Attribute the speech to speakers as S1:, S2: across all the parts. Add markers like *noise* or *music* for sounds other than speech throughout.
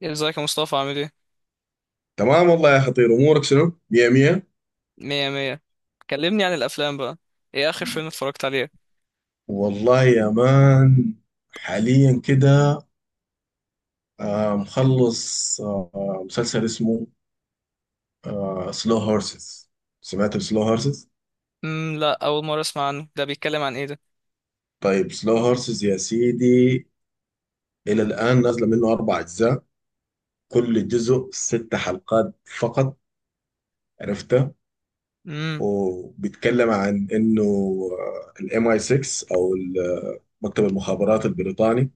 S1: يعني ازيك يا مصطفى عامل ايه؟
S2: تمام والله يا خطير، امورك شنو؟ مية مية.
S1: مية مية. كلمني عن الأفلام بقى. ايه آخر فيلم اتفرجت عليه؟
S2: والله يا مان، حاليا كده مخلص. مسلسل اسمه سلو هورسز. سمعت سلو هورسز؟
S1: لا، أول مرة أسمع عنه. ده بيتكلم عن ايه ده؟
S2: طيب، سلو هورسز يا سيدي، الى الان نازله منه 4 اجزاء، كل جزء 6 حلقات فقط. عرفته؟
S1: امم.
S2: وبيتكلم عن انه الام اي 6، او مكتب المخابرات البريطاني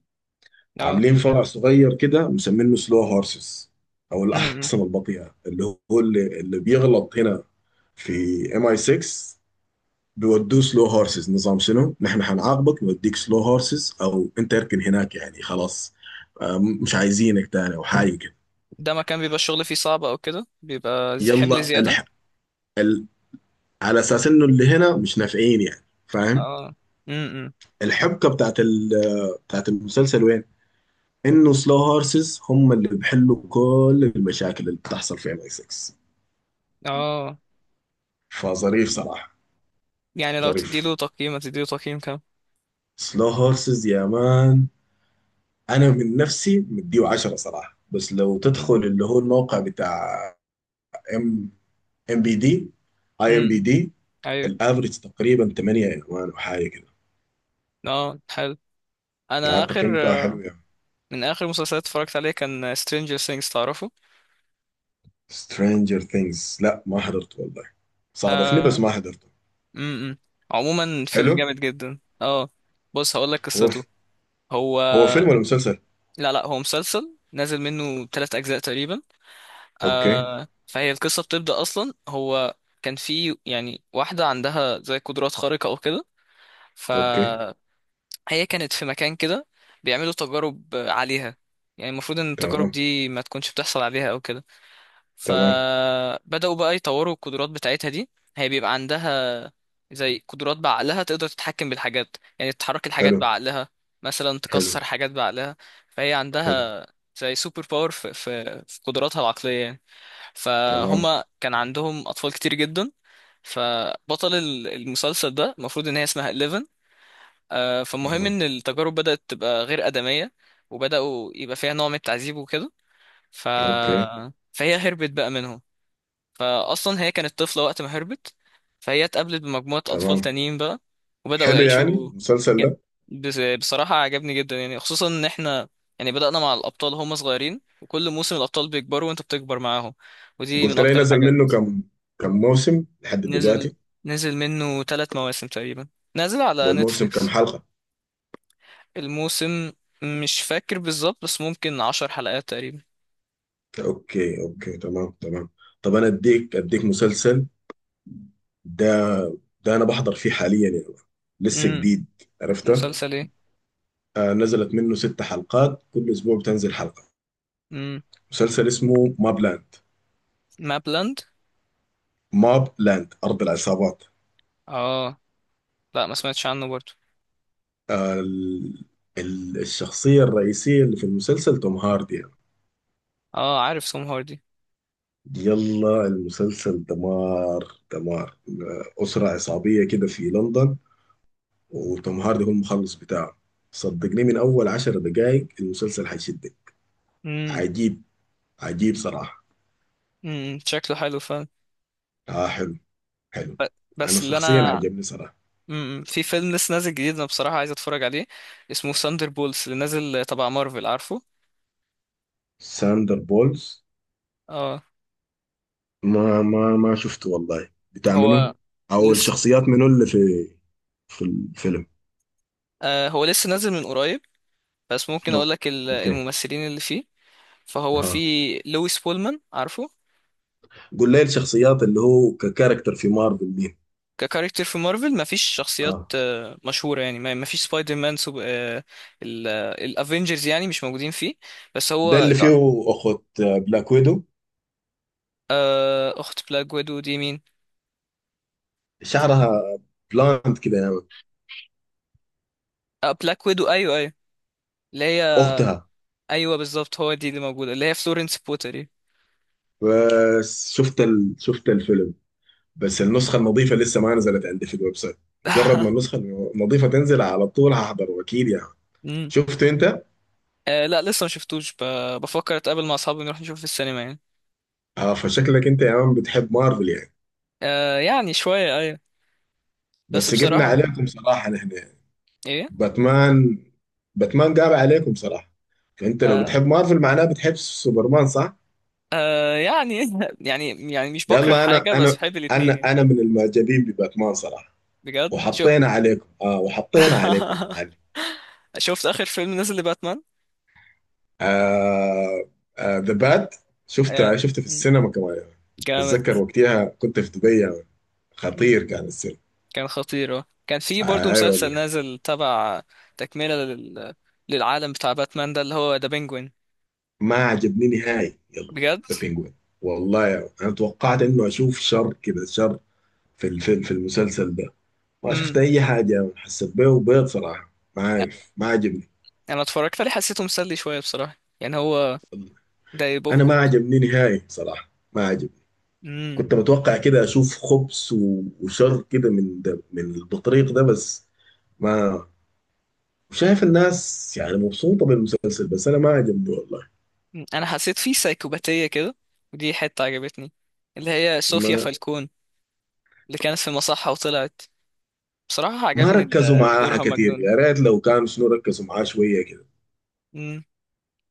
S1: اه.
S2: عاملين فرع صغير كده مسمينه سلو هورسز، او
S1: امم.
S2: الاحصنه البطيئه اللي هو اللي بيغلط هنا في ام اي 6. بيودوه سلو هورسز. نظام شنو؟ نحن هنعاقبك، نوديك سلو هورسز، او انت اركن هناك يعني خلاص. مش عايزينك تاني او حاجه كده.
S1: ده مكان بيبقى الشغل فيه صعب أو كده بيبقى حمل
S2: يلا
S1: زيادة.
S2: ال... على اساس انه اللي هنا مش نافعين يعني، فاهم؟
S1: اه. امم.
S2: الحبكه بتاعت المسلسل وين؟ انه سلو هورسز هم اللي بيحلوا كل المشاكل اللي بتحصل في ام اي 6.
S1: اه.
S2: فظريف صراحة،
S1: يعني لو
S2: ظريف.
S1: تديله تقييم هتديله تقييم كام؟
S2: سلو هورسز يا مان، أنا من نفسي مديه 10 صراحة. بس لو تدخل اللي هو الموقع بتاع ام ام بي دي اي ام بي
S1: امم.
S2: دي،
S1: أيوه.
S2: الافريج تقريبا 8 يا مان وحاجة كده.
S1: اه، حلو.
S2: لا،
S1: أنا
S2: التقييم
S1: آخر
S2: بتاعه حلو
S1: آه،
S2: يا مان.
S1: من آخر مسلسلات اتفرجت عليه كان Stranger Things، تعرفه؟
S2: سترينجر ثينجز لا، ما حضرته والله. صادفني بس
S1: آه.
S2: ما حضرته.
S1: امم. عموما فيلم
S2: حلو.
S1: جامد جدا، اه. بص هقول لك
S2: هو
S1: قصته.
S2: ف...
S1: هو
S2: هو فيلم ولا مسلسل؟
S1: لا لا، هو مسلسل نازل منه ثلاث أجزاء تقريبا.
S2: اوكي،
S1: آه، فهي القصة بتبدأ أصلا. هو كان في يعني واحدة عندها زي قدرات خارقة أو كده.
S2: اوكي.
S1: فهي كانت في مكان كده بيعملوا تجارب عليها، يعني المفروض إن التجارب
S2: تمام،
S1: دي ما تكونش بتحصل عليها أو كده.
S2: تمام.
S1: فبدأوا بقى يطوروا القدرات بتاعتها دي. هي بيبقى عندها زي قدرات بعقلها، تقدر تتحكم بالحاجات، يعني تحرك الحاجات
S2: حلو.
S1: بعقلها، مثلا
S2: حلو.
S1: تكسر حاجات بعقلها. فهي
S2: حلو.
S1: عندها زي سوبر باور في قدراتها العقلية يعني.
S2: تمام،
S1: فهم كان عندهم أطفال كتير جدا. فبطل المسلسل ده المفروض إن هي اسمها 11. فالمهم
S2: تمام.
S1: إن التجارب بدأت تبقى غير آدمية، وبدأوا يبقى فيها نوع من التعذيب وكده. ف...
S2: اوكي،
S1: فهي هربت بقى منهم. فاصلا هي كانت طفله وقت ما هربت. فهي اتقابلت بمجموعه اطفال
S2: تمام.
S1: تانيين بقى وبداوا
S2: حلو يعني
S1: يعيشوا.
S2: المسلسل
S1: ج-
S2: ده.
S1: بصراحه عجبني جدا، يعني خصوصا ان احنا يعني بدانا مع الابطال هم صغيرين، وكل موسم الابطال بيكبروا وانت بتكبر معاهم، ودي من
S2: قلت لي
S1: اكتر
S2: نزل منه
S1: الحاجات.
S2: كم، كم موسم لحد
S1: نزل
S2: دلوقتي؟
S1: نزل منه ثلاث مواسم تقريبا، نازل على
S2: والموسم كم
S1: نتفليكس.
S2: حلقة؟
S1: الموسم مش فاكر بالظبط بس ممكن عشر حلقات تقريبا.
S2: اوكي، اوكي. تمام، تمام. طب انا اديك مسلسل، ده ده انا بحضر فيه حاليا يعني. لسه
S1: امم.
S2: جديد. عرفته؟
S1: مسلسل ايه.
S2: آه، نزلت منه 6 حلقات، كل اسبوع بتنزل حلقة.
S1: امم.
S2: مسلسل اسمه ماب لاند.
S1: مابلاند.
S2: ماب لاند، ارض العصابات.
S1: اه لا، ما سمعتش عنه برضه.
S2: آه ال- الشخصية الرئيسية اللي في المسلسل توم هاردي يعني.
S1: اه، عارف سوم هاردي.
S2: يلا المسلسل دمار دمار، أسرة عصابية كده في لندن، وتوم هاردي هو المخلص بتاعه. صدقني من أول 10 دقايق المسلسل هيشدك.
S1: امم.
S2: عجيب. عجيب صراحة.
S1: امم، شكله حلو فعلا.
S2: آه، حلو. حلو.
S1: ب-
S2: أنا
S1: بس اللي
S2: شخصيا
S1: انا
S2: عجبني صراحة.
S1: امم، في فيلم لسه نازل جديد، انا بصراحة عايز اتفرج عليه، اسمه ساندر بولز اللي نازل تبع مارفل، عارفه.
S2: ساندر بولز.
S1: اه.
S2: ما شفته والله، بتاع منو؟
S1: هو
S2: أو
S1: لسه
S2: الشخصيات منو اللي في الفيلم؟
S1: هو لسه نازل من قريب، بس ممكن اقول لك
S2: أوكي.
S1: الممثلين اللي فيه. فهو في
S2: ها،
S1: لويس بولمان، عارفه.
S2: قول لي الشخصيات اللي هو ككاركتر في مارفل مين؟
S1: ككاركتر في مارفل مفيش شخصيات
S2: آه.
S1: مشهورة يعني، مفيش سبايدر مان، سوب... آه، ال- آه، الافينجرز يعني مش موجودين فيه. بس
S2: ده
S1: هو
S2: اللي فيه اخت بلاك ويدو.
S1: آه، اخت بلاك ويدو دي مين؟
S2: شعرها بلاند كده يا مان.
S1: آه، بلاك ويدو ايوه، أيوة. اللي هي
S2: اختها.
S1: ايوه بالظبط، هو دي اللي موجوده، اللي هي فلورنس بوتري.
S2: بس شفت الفيلم، بس النسخه النظيفه لسه ما نزلت عندي في الويب سايت. مجرد ما النسخه
S1: *laughs*
S2: النظيفه تنزل، على طول هحضر اكيد يعني.
S1: امم.
S2: شفت انت؟
S1: آه لا، لسه ما شفتوش. بفكر اتقابل مع اصحابي نروح نشوف في السينما يعني.
S2: اه، فشكلك انت يا مان بتحب مارفل يعني.
S1: آه يعني شويه، ايوه. بس
S2: بس جبنا
S1: بصراحه،
S2: عليكم صراحه نحن يعني.
S1: ايه.
S2: باتمان. باتمان قاب عليكم صراحه. فانت لو
S1: آه
S2: بتحب مارفل معناه بتحب سوبرمان، صح؟
S1: يعني. *laughs* يعني مش بكره
S2: يلا، انا
S1: حاجه، بس
S2: انا
S1: بحب الاتنين
S2: انا
S1: يعني.
S2: انا من المعجبين بباتمان صراحه.
S1: بجد شو.
S2: وحطينا عليكم، اه، وحطينا عليكم يا
S1: *laughs*
S2: معلم.
S1: شفت اخر فيلم نزل لباتمان؟
S2: آه. ذا باد.
S1: آه،
S2: شفته في
S1: مم.
S2: السينما كمان يعني.
S1: جامد.
S2: بتذكر وقتها كنت في دبي يعني.
S1: مم.
S2: خطير كان السينما.
S1: كان خطير. كان في برضو
S2: آه اي آه
S1: مسلسل
S2: والله.
S1: نازل تبع، تكمله للعالم بتاع باتمان ده، اللي هو ذا بينجوين.
S2: ما عجبني نهائي. يلا،
S1: بجد.
S2: ذا بينجوين والله يعني. انا توقعت انه اشوف شر كده، شر في الفيلم، في المسلسل ده. ما
S1: امم.
S2: شفت اي حاجه يعني. حسيت بيه وبيض صراحه. ما عارف. ما عجبني.
S1: انا اتفرجت عليه حسيته مسلي شويه بصراحه، يعني هو ده بوب
S2: انا ما
S1: كورن.
S2: عجبني نهائي صراحه، ما عجبني.
S1: امم.
S2: كنت متوقع كده اشوف خبز وشر كده من ده من البطريق ده. بس ما شايف الناس يعني مبسوطة بالمسلسل بس انا ما عجبني والله.
S1: انا حسيت فيه سايكوباتيه كده، ودي حته عجبتني، اللي هي صوفيا
S2: ما
S1: فالكون، اللي كانت في مصحه وطلعت. بصراحه
S2: ما
S1: عجبني
S2: ركزوا معاها
S1: دورها
S2: كتير،
S1: مجنون.
S2: يا ريت لو كان شنو ركزوا معاه شوية كده.
S1: امم.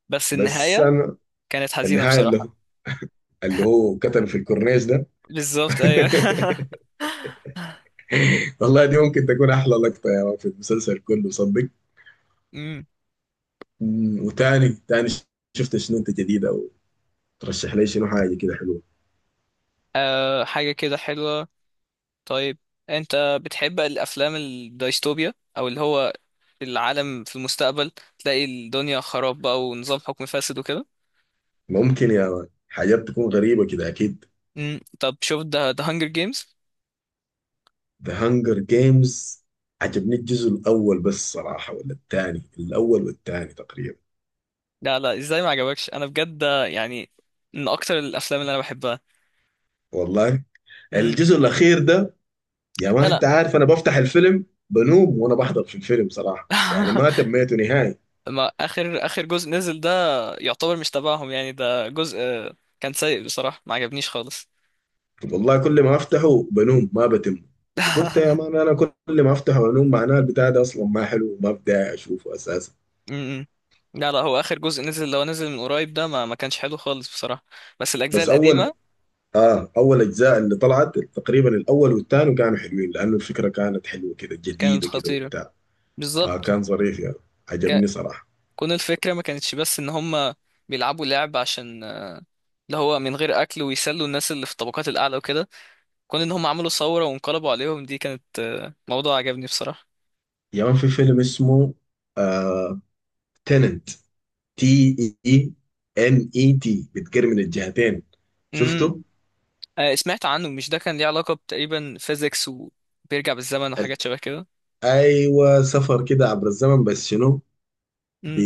S1: بس
S2: بس
S1: النهايه
S2: انا،
S1: كانت حزينه
S2: النهاية اللي هو
S1: بصراحه.
S2: اللي هو كتل في الكورنيش ده.
S1: بالظبط ايوه.
S2: *laughs*
S1: *laughs*
S2: والله دي ممكن تكون احلى لقطة يا مان في المسلسل كله صدق.
S1: امم.
S2: وتاني شفت شنو انت جديدة، وترشح لي شنو حاجة كده حلوة.
S1: أه، حاجه كده حلوه. طيب، انت بتحب الافلام الدايستوبيا او اللي هو العالم في المستقبل، تلاقي الدنيا خراب بقى ونظام حكم فاسد وكده؟
S2: ممكن يا مان، حاجات تكون غريبة كده أكيد.
S1: امم، طب شوف ده هانجر جيمز.
S2: The Hunger Games عجبني الجزء الأول بس صراحة، ولا الثاني. الأول والثاني تقريبا.
S1: لا لا، ازاي ما عجبكش؟ انا بجد ده يعني من اكتر الافلام اللي انا بحبها.
S2: والله
S1: امم.
S2: الجزء الأخير ده يا مان،
S1: لا
S2: أنت
S1: لا.
S2: عارف أنا بفتح الفيلم بنوم وأنا بحضر في الفيلم صراحة يعني، ما
S1: *laughs*
S2: تميته نهائي.
S1: ما اخر جزء نزل ده يعتبر مش تبعهم يعني، ده جزء كان سيء بصراحة، ما عجبنيش خالص.
S2: والله كل ما أفتحه بنوم ما بتم. وقلت يا
S1: *laughs*
S2: مان، أنا كل ما أفتحه بنوم معناه البتاع ده أصلا ما حلو وما بدي أشوفه أساسا.
S1: امم. لا لا، هو اخر جزء نزل لو نزل من قريب ده ما كانش حلو خالص بصراحه، بس الاجزاء
S2: بس أول
S1: القديمه
S2: اه اول اجزاء اللي طلعت تقريبا، الاول والثاني كانوا حلوين، لانه الفكره كانت حلوه كده،
S1: كانت
S2: جديده كده
S1: خطيره.
S2: وبتاع. آه،
S1: بالظبط.
S2: كان ظريف يعني، عجبني
S1: ك...
S2: صراحه.
S1: كون الفكره ما كانتش بس ان هم بيلعبوا لعب عشان اللي هو من غير اكل، ويسلوا الناس اللي في الطبقات الاعلى وكده. كون ان هم عملوا ثوره وانقلبوا عليهم، دي كانت موضوع عجبني بصراحه.
S2: يا مان في فيلم اسمه آه تننت، تي اي ان اي تي، بتجر من الجهتين،
S1: امم.
S2: شفته؟
S1: سمعت عنه، مش ده كان ليه علاقه تقريبا فيزيكس وبيرجع بالزمن
S2: ال-
S1: وحاجات شبه كده؟
S2: ايوه سفر كده عبر الزمن بس شنو، ب
S1: امم.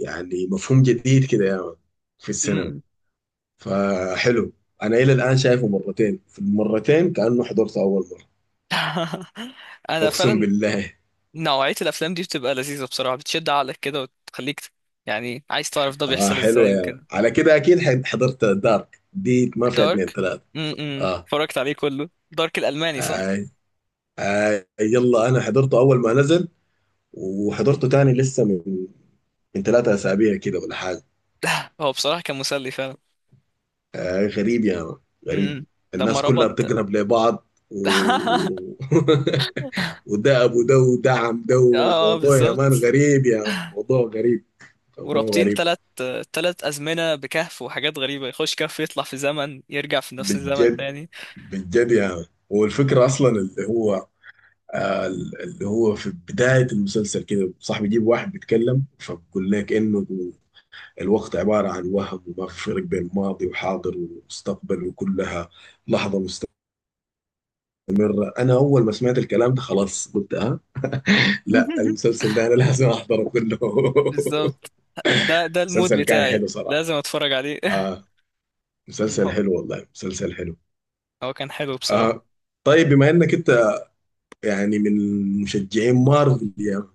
S2: يعني مفهوم جديد كده يا مان في السينما،
S1: امم.
S2: فحلو. انا الى الان شايفه مرتين، في المرتين كانه حضرته اول مره،
S1: *laughs* انا
S2: اقسم
S1: فعلا
S2: بالله.
S1: نوعية الأفلام دي بتبقى لذيذة بصراحة، بتشد عقلك كده وتخليك يعني عايز تعرف ده
S2: اه
S1: بيحصل
S2: حلوه
S1: ازاي
S2: يعني،
S1: وكده.
S2: على كده اكيد حضرت دارك دي، ما فيها اتنين
S1: دارك.
S2: تلاته.
S1: امم،
S2: اه.
S1: اتفرجت عليه كله، دارك الألماني صح؟
S2: آي. آي. يلا انا حضرته اول ما نزل، وحضرته تاني لسه من 3 أسابيع كده ولا حاجة.
S1: هو بصراحة كان مسلي فعلا.
S2: آه، غريب يا مان. غريب.
S1: امم. لما
S2: الناس كلها
S1: ربط.
S2: بتقرب لبعض.
S1: *laughs*
S2: *laughs* وده أبو ده وده عم ده.
S1: اه
S2: الموضوع يا مان
S1: بالظبط.
S2: غريب، يا مان، موضوع غريب، موضوع
S1: ورابطين
S2: غريب.
S1: تلات أزمنة بكهف، وحاجات غريبة، يخش كهف يطلع في زمن يرجع في نفس الزمن
S2: بالجد،
S1: تاني.
S2: بالجد يا مان. والفكرة أصلا اللي هو في بداية المسلسل كده، صاحبي بيجيب واحد بيتكلم فبيقول لك إنه الوقت عبارة عن وهم، وما في فرق بين ماضي وحاضر ومستقبل، وكلها لحظة مستقبل. أنا أول ما سمعت الكلام ده خلاص قلت أه، لا
S1: *laughs*
S2: المسلسل ده أنا لازم أحضره كله. *laughs*
S1: بالظبط، ده المود
S2: مسلسل كان
S1: بتاعي،
S2: حلو صراحة.
S1: لازم اتفرج عليه.
S2: آه،
S1: *laughs*
S2: مسلسل
S1: هو
S2: حلو والله، مسلسل حلو.
S1: هو كان حلو بصراحة.
S2: آه، طيب بما إنك أنت يعني من مشجعين مارفل، يا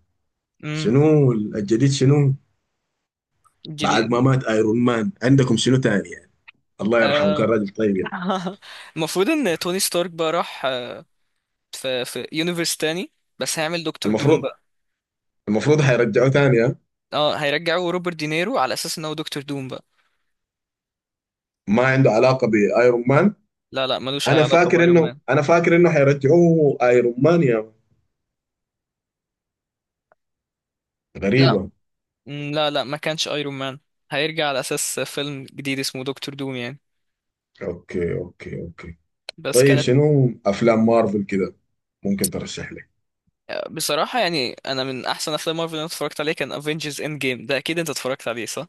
S1: امم.
S2: شنو الجديد شنو؟ بعد
S1: جيني.
S2: ما مات ايرون مان عندكم شنو تاني يعني. الله يرحمه، كان
S1: آه،
S2: راجل طيب يعني.
S1: *laughs* المفروض ان توني ستارك بقى راح، في يونيفرس تاني، بس هيعمل دكتور دوم
S2: المفروض
S1: بقى.
S2: المفروض حيرجعوه تاني، ها؟
S1: اه، هيرجعوا روبرت دينيرو على اساس ان هو دكتور دوم بقى.
S2: ما عنده علاقة بايرون مان؟
S1: لا لا، ملوش اي
S2: انا
S1: علاقة
S2: فاكر
S1: بايرون
S2: انه
S1: مان.
S2: انا فاكر انه حيرجعوه ايرون مان يا مان.
S1: لا.
S2: غريبة.
S1: لا لا، ما كانش ايرون مان، هيرجع على اساس فيلم جديد اسمه دكتور دوم يعني.
S2: اوكي، اوكي، اوكي.
S1: بس
S2: طيب
S1: كانت
S2: شنو افلام مارفل كده ممكن ترشح لي؟
S1: آه، بصراحة يعني انا من احسن افلام مارفل اللي أنا اتفرجت عليه كان افنجرز اند جيم، ده اكيد انت اتفرجت عليه صح.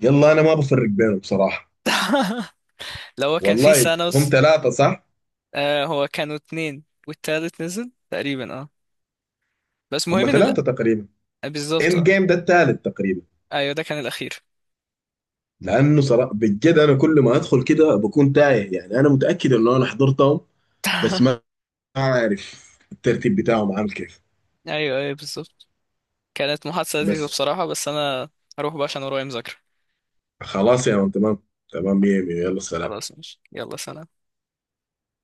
S2: يلا انا ما بفرق بينهم بصراحة
S1: *laughs* لو هو كان فيه
S2: والله. هم
S1: سانوس.
S2: 3، صح؟
S1: آه، هو كانوا اتنين والتالت نزل تقريبا، اه. بس مهم
S2: هم
S1: ان
S2: 3 تقريبا،
S1: بالظبط
S2: اند
S1: آه.
S2: جيم ده الثالث تقريبا.
S1: ايوه ده كان الاخير.
S2: لانه صراحة بجد انا كل ما ادخل كده بكون تايه يعني، انا متاكد انه انا حضرتهم، بس ما
S1: *laughs*
S2: ما عارف الترتيب بتاعهم عامل كيف
S1: ايوه ايوه بالظبط. كانت محادثه لذيذه
S2: بس.
S1: بصراحه، بس انا هروح بقى عشان ورايا مذاكره.
S2: خلاص يا مان، تمام، تمام. 100 100 يلا سلام.
S1: خلاص ماشي، يلا سلام.